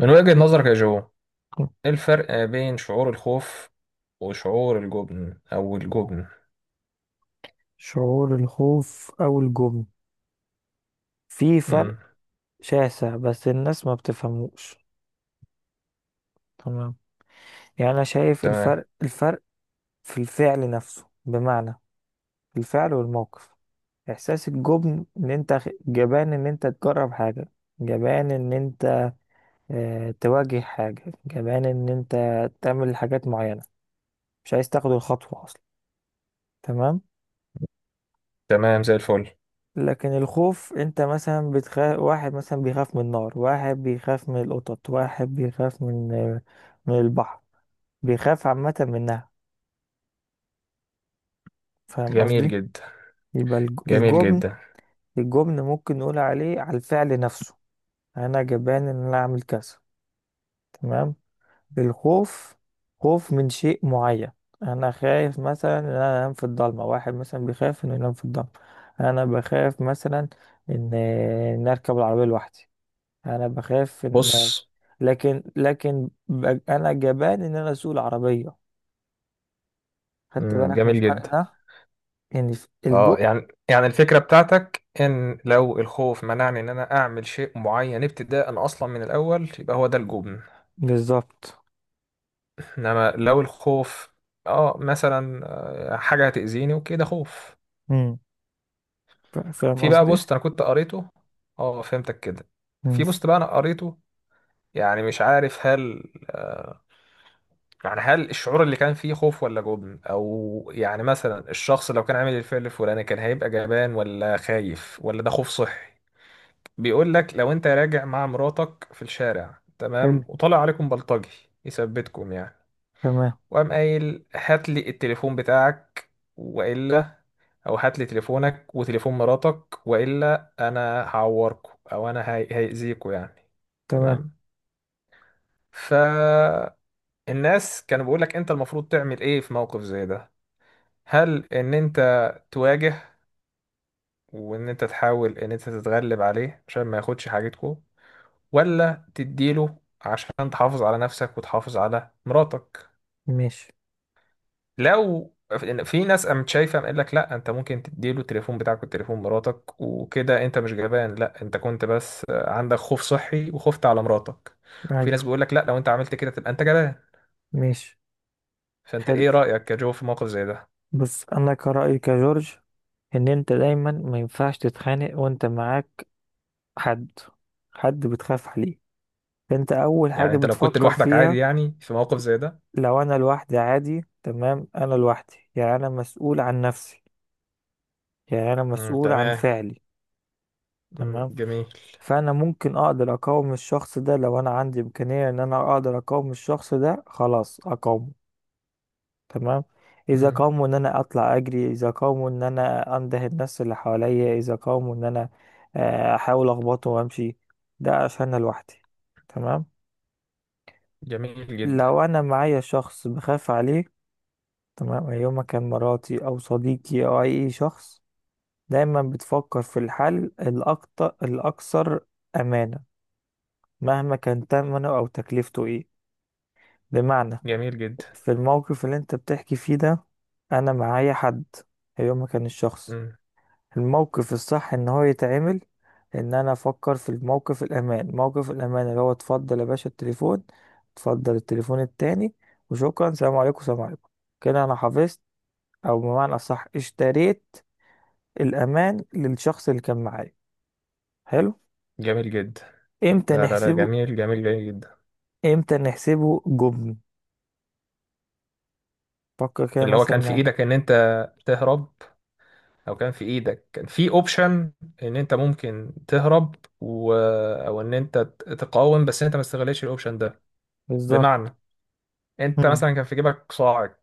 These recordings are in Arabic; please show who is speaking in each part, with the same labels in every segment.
Speaker 1: من وجهة نظرك يا جو، ايه الفرق بين شعور الخوف وشعور الجبن او الجبن؟
Speaker 2: شعور الخوف أو الجبن، في فرق
Speaker 1: مم.
Speaker 2: شاسع بس الناس ما بتفهموش. تمام. يعني أنا شايف
Speaker 1: تمام.
Speaker 2: الفرق في الفعل نفسه، بمعنى في الفعل والموقف. إحساس الجبن إن أنت جبان إن أنت تجرب حاجة، جبان إن أنت تواجه حاجة، جبان إن أنت تعمل حاجات معينة، مش عايز تاخد الخطوة أصلا. تمام.
Speaker 1: تمام زي الفل.
Speaker 2: لكن الخوف، انت مثلا بتخاف، واحد مثلا بيخاف من النار، واحد بيخاف من القطط، واحد بيخاف من البحر، بيخاف عامة منها. فاهم
Speaker 1: جميل
Speaker 2: قصدي؟
Speaker 1: جدا.
Speaker 2: يبقى
Speaker 1: جميل
Speaker 2: الجبن،
Speaker 1: جدا.
Speaker 2: الجبن ممكن نقول عليه على الفعل نفسه. انا جبان ان انا اعمل كذا. تمام. الخوف، خوف من شيء معين. انا خايف مثلا ان انا انام في الضلمة، واحد مثلا بيخاف انه ينام في الضلمة. انا بخاف مثلا ان ان اركب العربية لوحدي. انا بخاف ان
Speaker 1: بص.
Speaker 2: انا جبان ان انا اسوق العربيه. خدت
Speaker 1: مم.
Speaker 2: بالك من
Speaker 1: جميل
Speaker 2: الفرق
Speaker 1: جدا.
Speaker 2: ده؟ يعني الجو.
Speaker 1: اه، يعني الفكرة بتاعتك ان لو الخوف منعني ان انا اعمل شيء معين ابتداء اصلا من الاول يبقى هو ده الجبن.
Speaker 2: بالظبط.
Speaker 1: انما لو الخوف، اه مثلا حاجة هتأذيني وكده خوف.
Speaker 2: امم فاهم
Speaker 1: في بقى
Speaker 2: قصدي؟
Speaker 1: بوست انا كنت قريته. اه، فهمتك كده.
Speaker 2: امم
Speaker 1: في بوست بقى انا قريته، يعني مش عارف هل، يعني هل الشعور اللي كان فيه خوف ولا جبن، او يعني مثلا الشخص لو كان عامل الفعل الفلاني كان هيبقى جبان ولا خايف ولا ده خوف صحي؟ بيقول لك لو انت راجع مع مراتك في الشارع،
Speaker 2: حلو.
Speaker 1: تمام، وطلع عليكم بلطجي يثبتكم يعني،
Speaker 2: تمام.
Speaker 1: وقام قايل هات لي التليفون بتاعك، والا، او هات لي تليفونك وتليفون مراتك، والا انا هعوركم او انا هيأذيكوا يعني.
Speaker 2: تمام.
Speaker 1: تمام. ف الناس كانوا بيقولك انت المفروض تعمل ايه في موقف زي ده؟ هل ان انت تواجه وان انت تحاول ان انت تتغلب عليه عشان ما ياخدش حاجتكو، ولا تديله عشان تحافظ على نفسك وتحافظ على مراتك؟
Speaker 2: ماشي.
Speaker 1: لو، في ناس قامت شايفه قال لك لا انت ممكن تديله التليفون بتاعك والتليفون مراتك وكده انت مش جبان، لا انت كنت بس عندك خوف صحي وخفت على مراتك. وفي ناس
Speaker 2: ايوه.
Speaker 1: بيقول لك لا، لو انت عملت كده تبقى انت جبان.
Speaker 2: ماشي.
Speaker 1: فانت
Speaker 2: حلو.
Speaker 1: ايه رايك يا جو في موقف زي ده؟
Speaker 2: بس انا كرأيي كجورج، ان انت دايما ما ينفعش تتخانق وانت معاك حد، حد بتخاف عليه. انت اول
Speaker 1: يعني
Speaker 2: حاجة
Speaker 1: انت لو كنت
Speaker 2: بتفكر
Speaker 1: لوحدك عادي
Speaker 2: فيها،
Speaker 1: يعني في موقف زي ده؟
Speaker 2: لو انا لوحدي عادي. تمام. انا لوحدي، يعني انا مسؤول عن نفسي، يعني انا
Speaker 1: امم.
Speaker 2: مسؤول عن
Speaker 1: تمام.
Speaker 2: فعلي.
Speaker 1: امم.
Speaker 2: تمام.
Speaker 1: جميل.
Speaker 2: فانا ممكن اقدر اقاوم الشخص ده، لو انا عندي امكانية ان انا اقدر اقاوم الشخص ده خلاص اقاومه. تمام. اذا
Speaker 1: امم.
Speaker 2: قاوموا، ان انا اطلع اجري، اذا قاوموا ان انا انده الناس اللي حواليا، اذا قاوموا ان انا احاول اخبطه وامشي. ده عشان أنا لوحدي. تمام.
Speaker 1: جميل جدا.
Speaker 2: لو انا معايا شخص بخاف عليه، تمام، يوم كان مراتي او صديقي او اي شخص، دايما بتفكر في الحل الاكتر الاكثر امانة، مهما كان تمنه أو تكلفته إيه. بمعنى،
Speaker 1: جميل جدا.
Speaker 2: في الموقف اللي أنت بتحكي فيه ده، أنا معايا حد، هي ما كان الشخص،
Speaker 1: امم.
Speaker 2: الموقف الصح إن هو يتعمل، إن أنا أفكر في الموقف الأمان، موقف الأمان اللي هو: اتفضل يا باشا التليفون، اتفضل التليفون التاني، وشكرا، سلام عليكم سلام عليكم. كده أنا حفظت، أو بمعنى أصح اشتريت، الأمان للشخص اللي كان معايا. حلو.
Speaker 1: جميل جدا.
Speaker 2: إمتى
Speaker 1: لا، لا، لا.
Speaker 2: نحسبه؟
Speaker 1: جميل. جميل. جميل جدا.
Speaker 2: إمتى نحسبه جبن؟ فكر كده
Speaker 1: اللي هو
Speaker 2: مثلا
Speaker 1: كان في
Speaker 2: معايا.
Speaker 1: ايدك ان انت تهرب، او كان في ايدك كان في اوبشن ان انت ممكن تهرب، و... او ان انت تقاوم بس انت ما استغلتش الاوبشن ده.
Speaker 2: بالظبط.
Speaker 1: بمعنى، انت
Speaker 2: مم.
Speaker 1: مثلا كان في جيبك صاعد،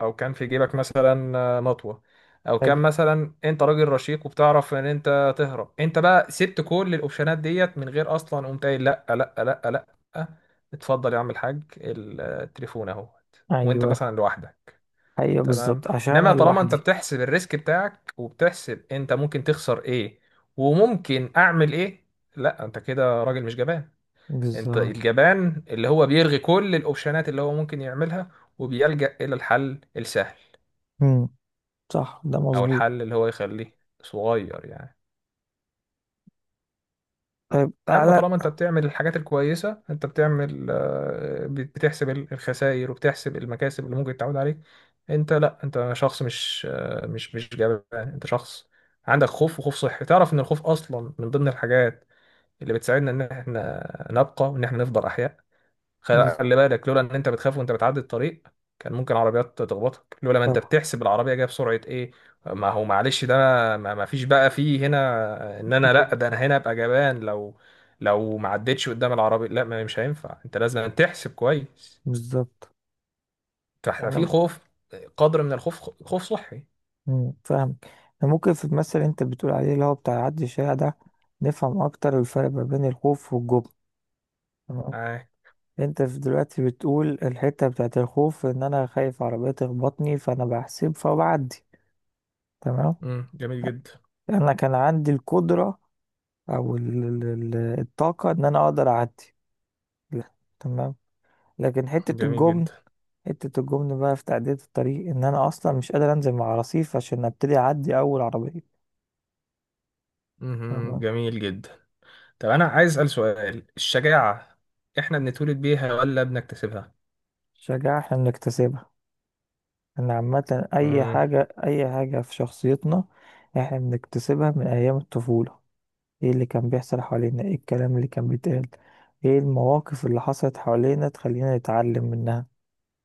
Speaker 1: او كان في جيبك مثلا مطوه، او كان
Speaker 2: حلو.
Speaker 1: مثلا انت راجل رشيق وبتعرف ان انت تهرب، انت بقى سبت كل الاوبشنات ديت من غير اصلا، قمت قايل لا، لا، لا، لا، اتفضل يا عم الحاج التليفون اهو. وانت
Speaker 2: ايوه.
Speaker 1: مثلا لوحدك.
Speaker 2: ايوه
Speaker 1: تمام.
Speaker 2: بالظبط عشان
Speaker 1: انما
Speaker 2: انا
Speaker 1: طالما انت
Speaker 2: لوحدي.
Speaker 1: بتحسب الريسك بتاعك وبتحسب انت ممكن تخسر ايه وممكن اعمل ايه، لا انت كده راجل مش جبان. انت
Speaker 2: بالظبط.
Speaker 1: الجبان اللي هو بيلغي كل الاوبشنات اللي هو ممكن يعملها، وبيلجأ الى الحل السهل،
Speaker 2: مم. صح، ده
Speaker 1: او
Speaker 2: مظبوط.
Speaker 1: الحل اللي هو يخليه صغير يعني.
Speaker 2: طيب
Speaker 1: لما
Speaker 2: تعالى.
Speaker 1: طالما انت بتعمل الحاجات الكويسة انت بتعمل بتحسب الخسائر وبتحسب المكاسب اللي ممكن تعود عليك. انت لا انت شخص مش مش جبان، انت شخص عندك خوف وخوف صحي. تعرف ان الخوف اصلا من ضمن الحاجات اللي بتساعدنا ان احنا نبقى وان احنا نفضل احياء. خلي بالك، لولا ان انت بتخاف وانت بتعدي الطريق كان ممكن عربيات تخبطك، لولا ما انت
Speaker 2: طبعا.
Speaker 1: بتحسب العربيه جايه بسرعه ايه. ما هو معلش ده. ما فيش بقى فيه هنا ان انا لا، ده انا هنا ابقى جبان، لو ما عدتش قدام العربيه. لا، ما مش هينفع، انت لازم تحسب كويس.
Speaker 2: بالظبط.
Speaker 1: فاحنا في
Speaker 2: يعني
Speaker 1: خوف، قدر من الخوف، خوف صحي.
Speaker 2: فاهمك. يعني ممكن في المثل اللي انت بتقول عليه، اللي هو بتاع عدي الشارع ده، نفهم اكتر الفرق ما بين الخوف والجبن. تمام.
Speaker 1: آه.
Speaker 2: انت في دلوقتي بتقول الحتة بتاعت الخوف، ان انا خايف عربية تخبطني، فانا بحسب فبعدي. تمام.
Speaker 1: مم. جميل جدا.
Speaker 2: انا كان عندي القدرة، او ال- ال- ال- الطاقة ان انا اقدر اعدي. لا. تمام. لكن حتة
Speaker 1: جميل
Speaker 2: الجبن،
Speaker 1: جدا.
Speaker 2: حتة الجبن بقى في تعدية الطريق، ان انا اصلا مش قادر انزل مع رصيف عشان ابتدي اعدي اول عربية.
Speaker 1: مهم.
Speaker 2: فاهمة؟
Speaker 1: جميل جدا. طب انا عايز اسال سؤال، الشجاعه احنا بنتولد بيها ولا بنكتسبها؟
Speaker 2: شجاعة احنا بنكتسبها. ان عامة اي
Speaker 1: مم.
Speaker 2: حاجة، اي حاجة في شخصيتنا، احنا بنكتسبها من ايام الطفولة. ايه اللي كان بيحصل حوالينا، ايه الكلام اللي كان بيتقال، ايه المواقف اللي حصلت حوالينا تخلينا نتعلم منها.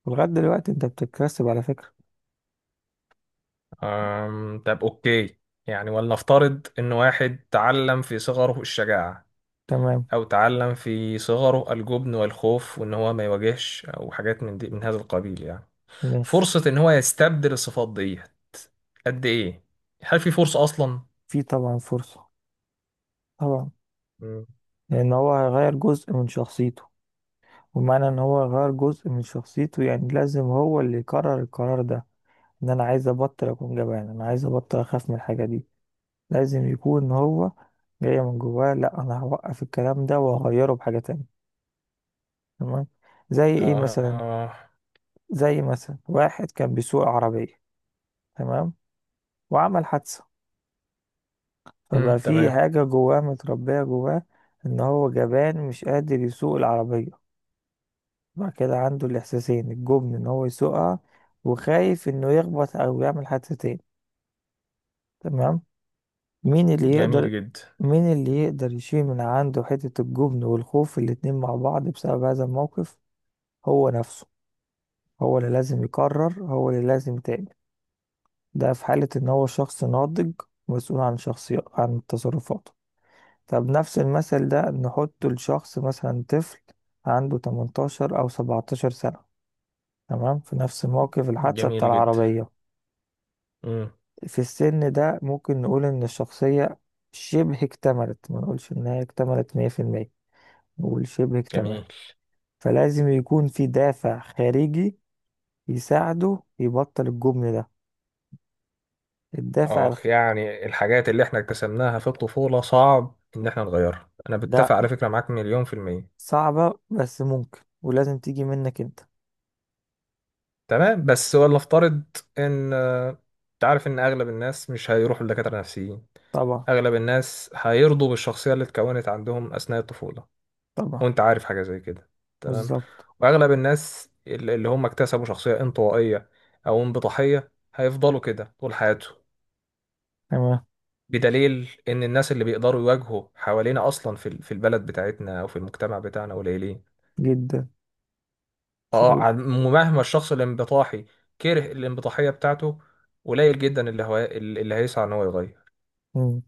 Speaker 2: ولغاية دلوقتي انت بتكتسب على فكرة.
Speaker 1: طب اوكي، يعني ولنفترض ان واحد تعلم في صغره الشجاعة،
Speaker 2: تمام.
Speaker 1: او تعلم في صغره الجبن والخوف وان هو ما يواجهش او حاجات من دي من هذا القبيل يعني،
Speaker 2: ماشي.
Speaker 1: فرصة ان هو يستبدل الصفات دي قد ايه؟ هل في فرصة اصلا؟
Speaker 2: في طبعا فرصة. طبعا.
Speaker 1: مم.
Speaker 2: لان هو هيغير جزء من شخصيته، ومعنى ان هو غير جزء من شخصيته يعني لازم هو اللي يقرر القرار ده. ان انا عايز ابطل اكون جبان، انا عايز ابطل اخاف من الحاجة دي، لازم يكون هو جاي من جواه، لا انا هوقف الكلام ده وهغيره بحاجة تانية. تمام. زي ايه
Speaker 1: آه.
Speaker 2: مثلا؟
Speaker 1: آه.
Speaker 2: زي مثلا واحد كان بيسوق عربية، تمام، وعمل حادثة، فبقى
Speaker 1: مم.
Speaker 2: في
Speaker 1: تمام.
Speaker 2: حاجة جواه، متربية جواه ان هو جبان مش قادر يسوق العربية. بعد كده عنده الإحساسين، الجبن إن هو يسوقها، وخايف إنه يخبط أو يعمل حادثتين. تمام. مين اللي يقدر،
Speaker 1: جميل جدا.
Speaker 2: مين اللي يقدر يشيل من عنده حتة الجبن والخوف الاتنين مع بعض بسبب هذا الموقف؟ هو نفسه، هو اللي لازم يقرر، هو اللي لازم يتعمل. ده في حالة إن هو شخص ناضج، مسؤول عن شخصية، عن تصرفاته. طب نفس المثل ده نحطه لشخص مثلا طفل، عنده 18 أو 17 سنة. تمام، في نفس موقف الحادثة بتاع
Speaker 1: جميل جدا.
Speaker 2: العربية.
Speaker 1: مم.
Speaker 2: في السن ده ممكن نقول إن الشخصية شبه اكتملت، ما نقولش إنها اكتملت مية في المية، نقول شبه
Speaker 1: جميل.
Speaker 2: اكتملت. فلازم يكون في دافع خارجي يساعده يبطل الجبن ده. الدافع
Speaker 1: اخ، يعني الحاجات اللي احنا اكتسبناها في الطفولة صعب ان احنا نغيرها، انا
Speaker 2: ده
Speaker 1: بتفق على فكرة معاك مليون في المية.
Speaker 2: صعبة بس ممكن، ولازم تيجي منك أنت.
Speaker 1: تمام، بس ولا افترض ان انت عارف ان اغلب الناس مش هيروحوا لدكاتره نفسيين.
Speaker 2: طبعا.
Speaker 1: اغلب الناس هيرضوا بالشخصيه اللي اتكونت عندهم اثناء الطفوله،
Speaker 2: طبعا.
Speaker 1: وانت عارف حاجه زي كده. تمام.
Speaker 2: بالظبط.
Speaker 1: واغلب الناس اللي هم اكتسبوا شخصيه انطوائيه او انبطاحيه هيفضلوا كده طول حياتهم.
Speaker 2: تمام.
Speaker 1: بدليل ان الناس اللي بيقدروا يواجهوا حوالينا اصلا في في البلد بتاعتنا او في المجتمع بتاعنا قليلين.
Speaker 2: جدا.
Speaker 1: اه،
Speaker 2: شغل.
Speaker 1: مهما الشخص الانبطاحي كره الانبطاحية بتاعته، قليل جدا اللي هيسعى ان هو يغير.
Speaker 2: مم.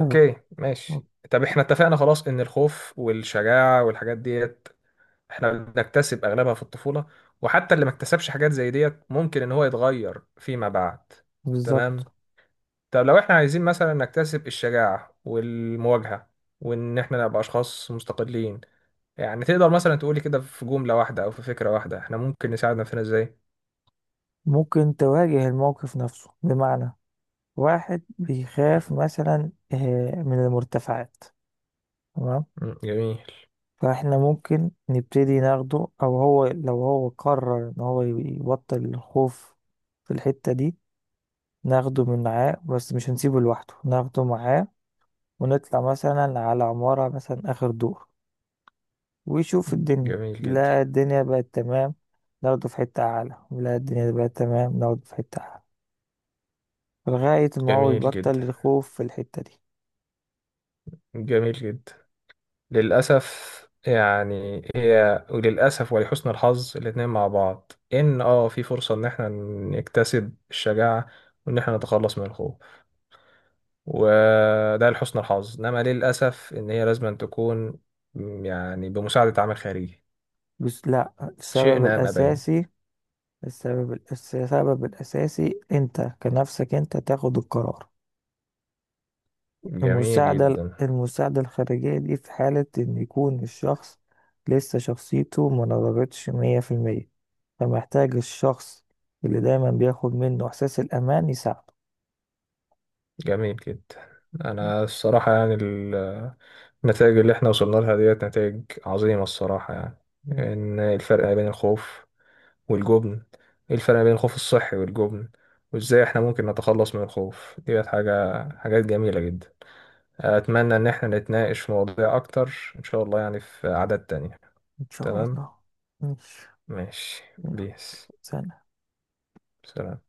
Speaker 2: أيوة.
Speaker 1: ماشي. طب احنا اتفقنا خلاص ان الخوف والشجاعة والحاجات ديت احنا بنكتسب اغلبها في الطفولة، وحتى اللي ما اكتسبش حاجات زي ديت ممكن ان هو يتغير فيما بعد.
Speaker 2: بالظبط.
Speaker 1: تمام. طب لو احنا عايزين مثلا نكتسب الشجاعة والمواجهة وان احنا نبقى اشخاص مستقلين، يعني تقدر مثلا تقولي كده في جملة واحدة او في فكرة واحدة احنا ممكن نساعد نفسنا ازاي؟
Speaker 2: ممكن تواجه الموقف نفسه، بمعنى واحد بيخاف مثلا من المرتفعات. تمام.
Speaker 1: مم، جميل.
Speaker 2: فاحنا ممكن نبتدي ناخده، او هو لو هو قرر ان هو يبطل الخوف في الحتة دي، ناخده من معاه، بس مش هنسيبه لوحده، ناخده معاه، ونطلع مثلا على عمارة مثلا اخر دور، ويشوف
Speaker 1: مم،
Speaker 2: الدنيا،
Speaker 1: جميل
Speaker 2: لا
Speaker 1: جدا.
Speaker 2: الدنيا بقت تمام، ناخده في حتة اعلى، لا الدنيا بقت تمام، ناخده في حتة اعلى، لغاية ما هو
Speaker 1: جميل
Speaker 2: يبطل
Speaker 1: جدا.
Speaker 2: الخوف في الحتة دي.
Speaker 1: جميل جدا. للأسف. يعني هي وللأسف ولحسن الحظ الاتنين مع بعض، إن في فرصة إن إحنا نكتسب الشجاعة وإن إحنا نتخلص من الخوف، وده لحسن الحظ، إنما للأسف إن هي لازم تكون، يعني بمساعدة عامل خارجي،
Speaker 2: بس لا، السبب
Speaker 1: شئنا أم أبينا.
Speaker 2: الاساسي، السبب الأساسي أنت كنفسك أنت تاخد القرار.
Speaker 1: جميل
Speaker 2: المساعدة
Speaker 1: جدا.
Speaker 2: المساعدة الخارجية دي في حالة إن يكون الشخص لسه شخصيته ما نضجتش مية في المية، فمحتاج الشخص اللي دايما بياخد منه إحساس الأمان يساعده.
Speaker 1: جميل جدا. انا الصراحه يعني النتائج اللي احنا وصلنا لها ديت نتائج عظيمه الصراحه يعني.
Speaker 2: مم.
Speaker 1: ان الفرق ما بين الخوف والجبن، إيه الفرق ما بين الخوف الصحي والجبن، وازاي احنا ممكن نتخلص من الخوف ديت، حاجات جميله جدا. اتمنى ان احنا نتناقش في مواضيع اكتر ان شاء الله، يعني في عادات تانية.
Speaker 2: إن شاء
Speaker 1: تمام.
Speaker 2: الله. ماشي.
Speaker 1: ماشي.
Speaker 2: يلا،
Speaker 1: بيس.
Speaker 2: سلام.
Speaker 1: سلام.